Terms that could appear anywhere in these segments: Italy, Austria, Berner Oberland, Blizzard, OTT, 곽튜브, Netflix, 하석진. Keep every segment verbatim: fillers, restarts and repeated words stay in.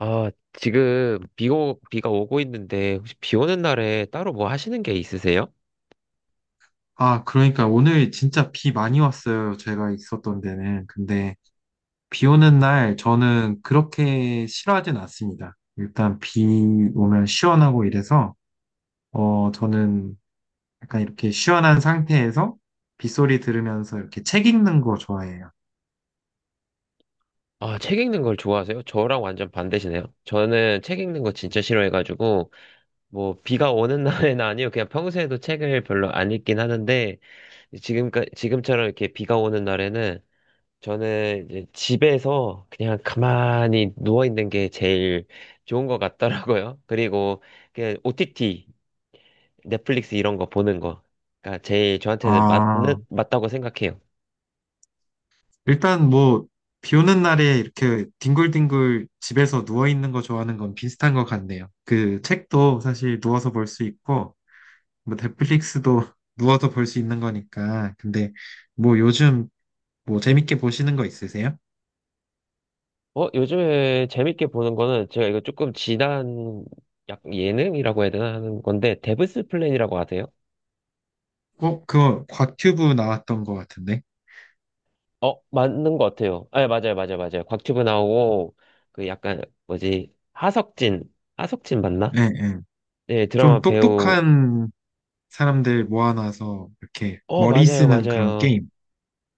아, 지금 비 오, 비가 오고 있는데 혹시 비 오는 날에 따로 뭐 하시는 게 있으세요? 아, 그러니까 오늘 진짜 비 많이 왔어요. 제가 있었던 데는. 근데 비 오는 날 저는 그렇게 싫어하진 않습니다. 일단 비 오면 시원하고 이래서, 어, 저는 약간 이렇게 시원한 상태에서 빗소리 들으면서 이렇게 책 읽는 거 좋아해요. 아, 책 읽는 걸 좋아하세요? 저랑 완전 반대시네요. 저는 책 읽는 거 진짜 싫어해가지고 뭐 비가 오는 날에는 아니요. 그냥 평소에도 책을 별로 안 읽긴 하는데 지금까 지금처럼 이렇게 비가 오는 날에는 저는 이제 집에서 그냥 가만히 누워 있는 게 제일 좋은 것 같더라고요. 그리고 그냥 오티티 넷플릭스 이런 거 보는 거. 가 제일 저한테는 아, 맞는, 맞다고 생각해요. 일단 뭐, 비 오는 날에 이렇게 뒹굴뒹굴 집에서 누워 있는 거 좋아하는 건 비슷한 것 같네요. 그 책도 사실 누워서 볼 수 있고, 뭐 넷플릭스도 누워서 볼 수 있는 거니까. 근데 뭐 요즘 뭐 재밌게 보시는 거 있으세요? 어, 요즘에 재밌게 보는 거는 제가 이거 조금 지난 약 예능이라고 해야 되나 하는 건데, 데브스 플랜이라고 하세요? 어, 그거 곽튜브 나왔던 거 같은데. 어, 맞는 것 같아요. 아, 맞아요, 맞아요, 맞아요. 곽튜브 나오고, 그 약간, 뭐지, 하석진, 하석진 예, 맞나? 예. 네, 좀 드라마 배우, 똑똑한 사람들 모아놔서 이렇게 어, 머리 맞아요, 쓰는 그런 맞아요. 게임.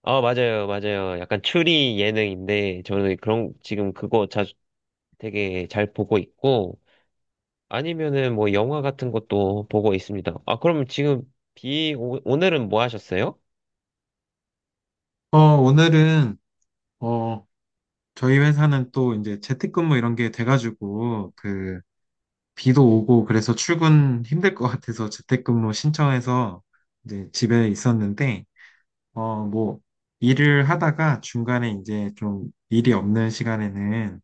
어, 맞아요, 맞아요. 약간 추리 예능인데, 저는 그런, 지금 그거 자주 되게 잘 보고 있고, 아니면은 뭐 영화 같은 것도 보고 있습니다. 아, 그럼 지금 비, 오, 오늘은 뭐 하셨어요? 어, 오늘은 어, 저희 회사는 또 이제 재택근무 이런 게 돼가지고 그 비도 오고 그래서 출근 힘들 것 같아서 재택근무 신청해서 이제 집에 있었는데 어, 뭐, 일을 하다가 중간에 이제 좀 일이 없는 시간에는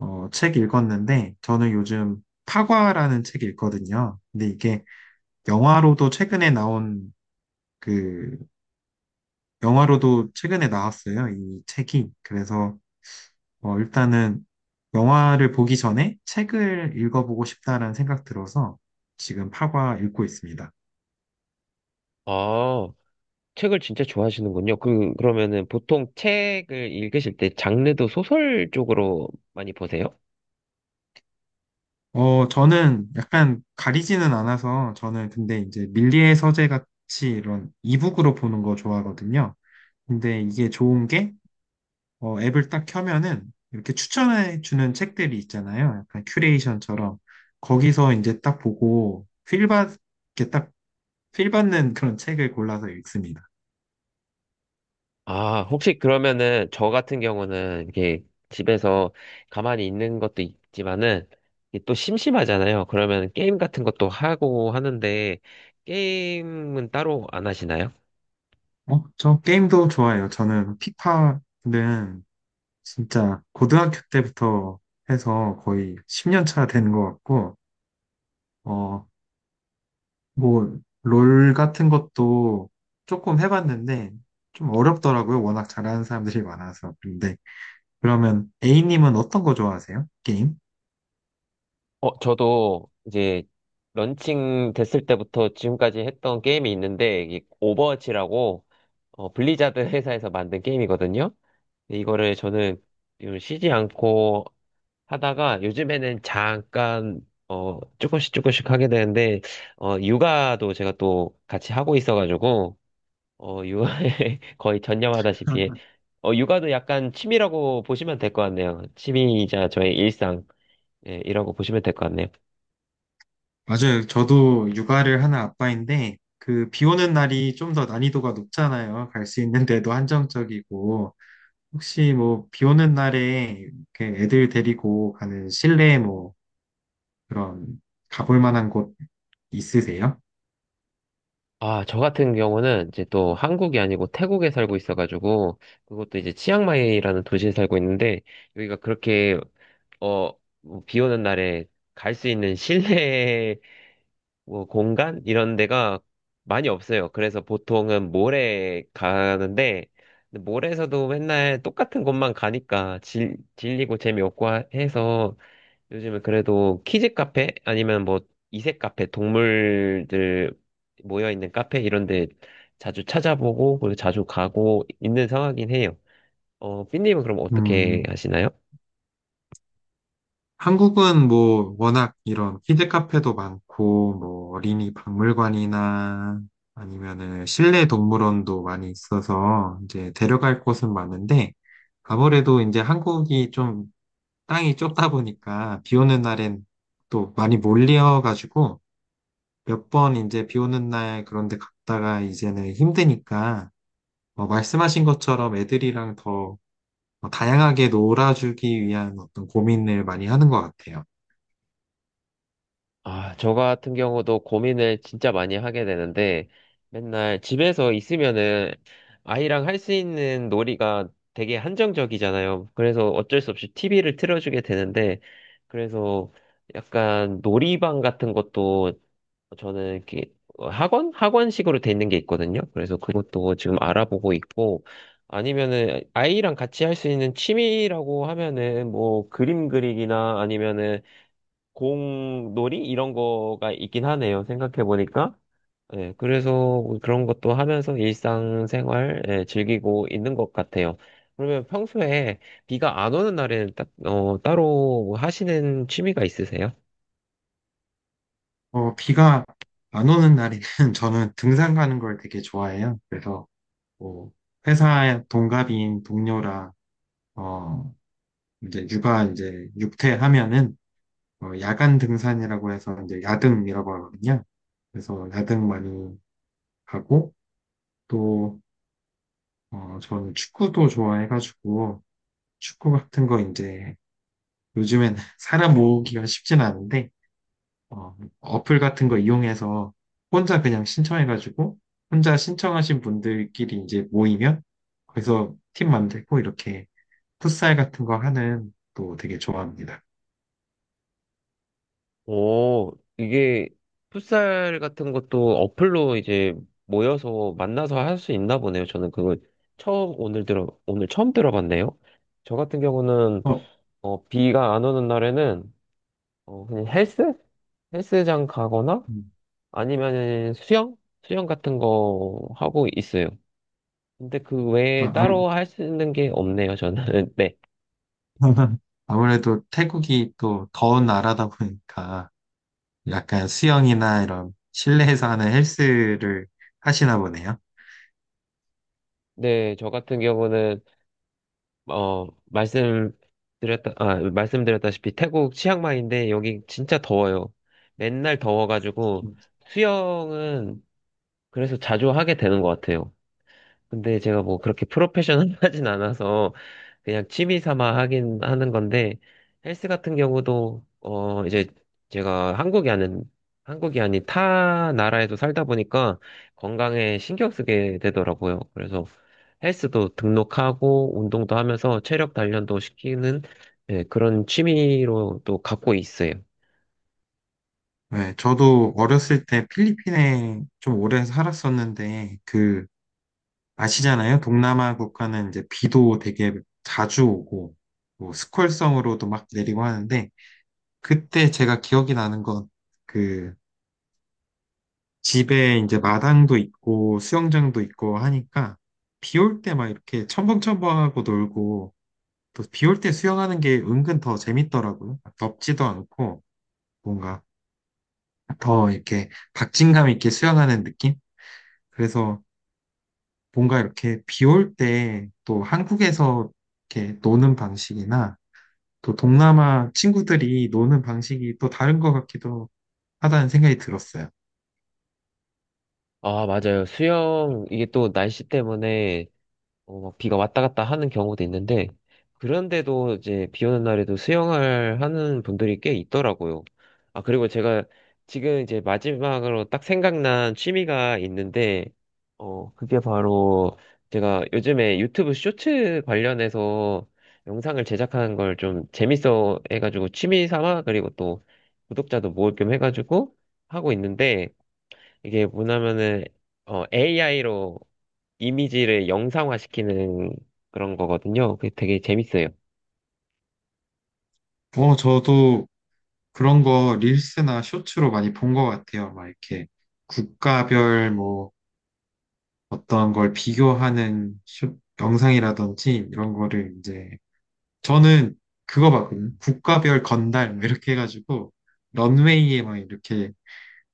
어, 책 읽었는데, 저는 요즘 파과라는 책 읽거든요. 근데 이게 영화로도 최근에 나온 그, 영화로도 최근에 나왔어요. 이 책이. 그래서 어, 일단은 영화를 보기 전에 책을 읽어보고 싶다라는 생각 들어서 지금 파과 읽고 있습니다. 아, 책을 진짜 좋아하시는군요. 그, 그러면은 보통 책을 읽으실 때 장르도 소설 쪽으로 많이 보세요? 어, 저는 약간 가리지는 않아서 저는 근데 이제 밀리의 서재 같이 이런 이북으로 보는 거 좋아하거든요. 근데 이게 좋은 게 어, 앱을 딱 켜면은 이렇게 추천해 주는 책들이 있잖아요. 약간 큐레이션처럼 거기서 이제 딱 보고 필 받, 이렇게 딱필 받는 그런 책을 골라서 읽습니다. 아, 혹시 그러면은 저 같은 경우는 이렇게 집에서 가만히 있는 것도 있지만은 이게 또 심심하잖아요. 그러면 게임 같은 것도 하고 하는데 게임은 따로 안 하시나요? 어, 저 게임도 좋아해요. 저는 피파는 진짜 고등학교 때부터 해서 거의 십 년 차 되는 것 같고 어, 뭐, 롤 같은 것도 조금 해봤는데, 좀 어렵더라고요. 워낙 잘하는 사람들이 많아서. 근데, 그러면 A님은 어떤 거 좋아하세요? 게임? 어, 저도 이제 런칭 됐을 때부터 지금까지 했던 게임이 있는데, 이게 오버워치라고, 어, 블리자드 회사에서 만든 게임이거든요. 근데 이거를 저는 요즘 쉬지 않고 하다가 요즘에는 잠깐, 어, 조금씩 조금씩 하게 되는데, 어, 육아도 제가 또 같이 하고 있어가지고, 어, 육아에 거의 전념하다시피, 어, 육아도 약간 취미라고 보시면 될 것 같네요. 취미이자 저의 일상, 예, 이라고 보시면 될 것 같네요. 맞아요. 저도 육아를 하는 아빠인데, 그, 비 오는 날이 좀 더 난이도가 높잖아요. 갈 수 있는 데도 한정적이고, 혹시 뭐, 비 오는 날에 이렇게 애들 데리고 가는 실내 뭐, 그런, 가볼 만한 곳 있으세요? 아, 저 같은 경우는 이제 또 한국이 아니고 태국에 살고 있어가지고, 그것도 이제 치앙마이라는 도시에 살고 있는데, 여기가 그렇게, 어, 뭐비 오는 날에 갈 수 있는 실내 뭐 공간? 이런 데가 많이 없어요. 그래서 보통은 몰에 가는데, 근데 몰에서도 맨날 똑같은 곳만 가니까 질, 질리고 재미없고 하- 해서, 요즘은 그래도 키즈 카페 아니면 뭐 이색 카페 동물들 모여 있는 카페 이런 데 자주 찾아보고 그리고 자주 가고 있는 상황이긴 해요. 어, 삐님은 그럼 어떻게 음, 하시나요? 한국은 뭐 워낙 이런 키즈 카페도 많고 뭐 어린이 박물관이나 아니면은 실내 동물원도 많이 있어서 이제 데려갈 곳은 많은데 아무래도 이제 한국이 좀 땅이 좁다 보니까 비 오는 날엔 또 많이 몰려가지고 몇 번 이제 비 오는 날 그런데 갔다가 이제는 힘드니까 어, 말씀하신 것처럼 애들이랑 더 어 다양하게 놀아주기 위한 어떤 고민을 많이 하는 것 같아요. 아, 저 같은 경우도 고민을 진짜 많이 하게 되는데 맨날 집에서 있으면은 아이랑 할 수 있는 놀이가 되게 한정적이잖아요. 그래서 어쩔 수 없이 티브이를 틀어주게 되는데 그래서 약간 놀이방 같은 것도 저는 이렇게 어, 학원? 학원식으로 돼 있는 게 있거든요. 그래서 그것도 지금 알아보고 있고, 아니면은 아이랑 같이 할 수 있는 취미라고 하면은 뭐 그림 그리기나 아니면은 공놀이 이런 거가 있긴 하네요. 생각해 보니까. 예, 그래서 그런 것도 하면서 일상생활 예, 즐기고 있는 것 같아요. 그러면 평소에 비가 안 오는 날에는 딱, 어, 따로 하시는 취미가 있으세요? 어, 비가 안 오는 날에는 저는 등산 가는 걸 되게 좋아해요. 그래서 뭐 회사 동갑인 동료랑 어 이제 육아 이제 육퇴하면은 어, 야간 등산이라고 해서 이제 야등이라고 하거든요. 그래서 야등 많이 가고 또 어, 저는 축구도 좋아해가지고 축구 같은 거 이제 요즘엔 사람 모으기가 쉽진 않은데 어, 어플 같은 거 이용해서 혼자 그냥 신청해가지고 혼자 신청하신 분들끼리 이제 모이면 거기서 팀 만들고 이렇게 풋살 같은 거 하는 또 되게 좋아합니다. 오, 이게 풋살 같은 것도 어플로 이제 모여서 만나서 할 수 있나 보네요. 저는 그걸 처음 오늘 들어 오늘 처음 들어봤네요. 저 같은 경우는 어, 어, 비가 안 오는 날에는 어, 그냥 헬스 헬스장 가거나 음, 아니면 수영 수영 같은 거 하고 있어요. 근데 그 외에 그러니까 아무- 따로 할 수 있는 게 없네요. 저는 네, 아무래도 태국이 또 더운 나라다 보니까 약간 수영이나 이런 실내에서 하는 헬스를 하시나 보네요. 네, 저 같은 경우는 어, 말씀드렸다, 아, 말씀드렸다시피 태국 치앙마이인데 여기 진짜 더워요. 맨날 더워가지고 수영은 그래서 자주 하게 되는 것 같아요. 근데 제가 뭐 그렇게 프로페셔널하진 않아서 그냥 취미 삼아 하긴 하는 건데 헬스 같은 경우도 어 이제 제가 한국이 아닌 한국이 아닌 타 나라에도 살다 보니까 건강에 신경 쓰게 되더라고요. 그래서 헬스도 등록하고 운동도 하면서 체력 단련도 시키는 예, 그런 취미로 또 갖고 있어요. 네, 저도 어렸을 때 필리핀에 좀 오래 살았었는데 그 아시잖아요. 동남아 국가는 이제 비도 되게 자주 오고, 뭐 스콜성으로도 막 내리고 하는데, 그때 제가 기억이 나는 건, 그, 집에 이제 마당도 있고, 수영장도 있고 하니까, 비 올 때 막 이렇게 첨벙첨벙하고 놀고, 또 비 올 때 수영하는 게 은근 더 재밌더라고요. 덥지도 않고, 뭔가 더 이렇게 박진감 있게 수영하는 느낌? 그래서 뭔가 이렇게 비 올 때 또 한국에서 이렇게 노는 방식이나 또 동남아 친구들이 노는 방식이 또 다른 것 같기도 하다는 생각이 들었어요. 아, 맞아요. 수영 이게 또 날씨 때문에 어, 막 비가 왔다 갔다 하는 경우도 있는데, 그런데도 이제 비 오는 날에도 수영을 하는 분들이 꽤 있더라고요. 아, 그리고 제가 지금 이제 마지막으로 딱 생각난 취미가 있는데, 어, 그게 바로 제가 요즘에 유튜브 쇼츠 관련해서 영상을 제작하는 걸 좀 재밌어 해가지고 취미 삼아, 그리고 또 구독자도 모을 겸 해가지고 하고 있는데, 이게 뭐냐면은, 어, 에이아이로 이미지를 영상화시키는 그런 거거든요. 그게 되게 재밌어요. 어, 저도 그런 거 릴스나 쇼츠로 많이 본 것 같아요. 막 이렇게 국가별 뭐 어떤 걸 비교하는 쇼, 영상이라든지 이런 거를 이제 저는 그거 봤거든요. 국가별 건달 뭐 이렇게 해가지고 런웨이에 막 이렇게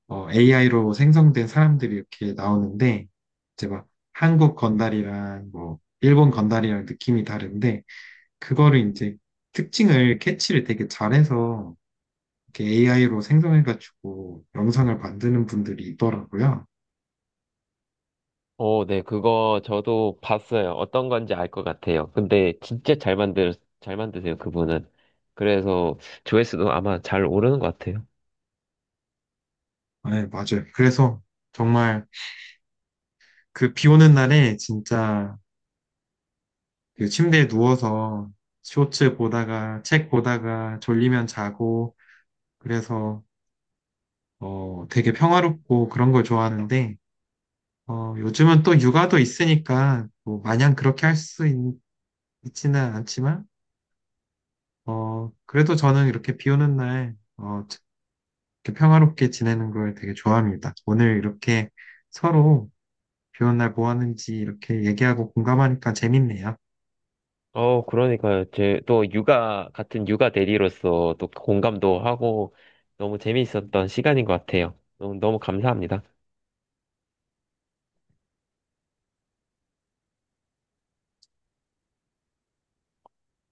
어, 에이아이로 생성된 사람들이 이렇게 나오는데, 이제 막 한국 건달이랑 뭐, 일본 건달이랑 느낌이 다른데, 그거를 이제 특징을 캐치를 되게 잘해서 이렇게 에이아이로 생성해가지고 영상을 만드는 분들이 있더라고요. 어, 네, 그거 저도 봤어요. 어떤 건지 알 것 같아요. 근데 진짜 잘 만들, 잘 만드세요, 그분은. 그래서 조회수도 아마 잘 오르는 것 같아요. 네, 맞아요. 그래서 정말 그 비 오는 날에 진짜 그 침대에 누워서 쇼츠 보다가 책 보다가 졸리면 자고, 그래서 어, 되게 평화롭고 그런 걸 좋아하는데, 어, 요즘은 또 육아도 있으니까 뭐 마냥 그렇게 할 수 있지는 않지만 어, 그래도 저는 이렇게 비 오는 날 어, 이렇게 평화롭게 지내는 걸 되게 좋아합니다. 오늘 이렇게 서로 비 오는 날 뭐 하는지 이렇게 얘기하고 공감하니까 재밌네요. 어, 그러니까요. 제 또 육아, 같은 육아 대리로서 또 공감도 하고 너무 재미있었던 시간인 것 같아요. 너무, 너무 감사합니다.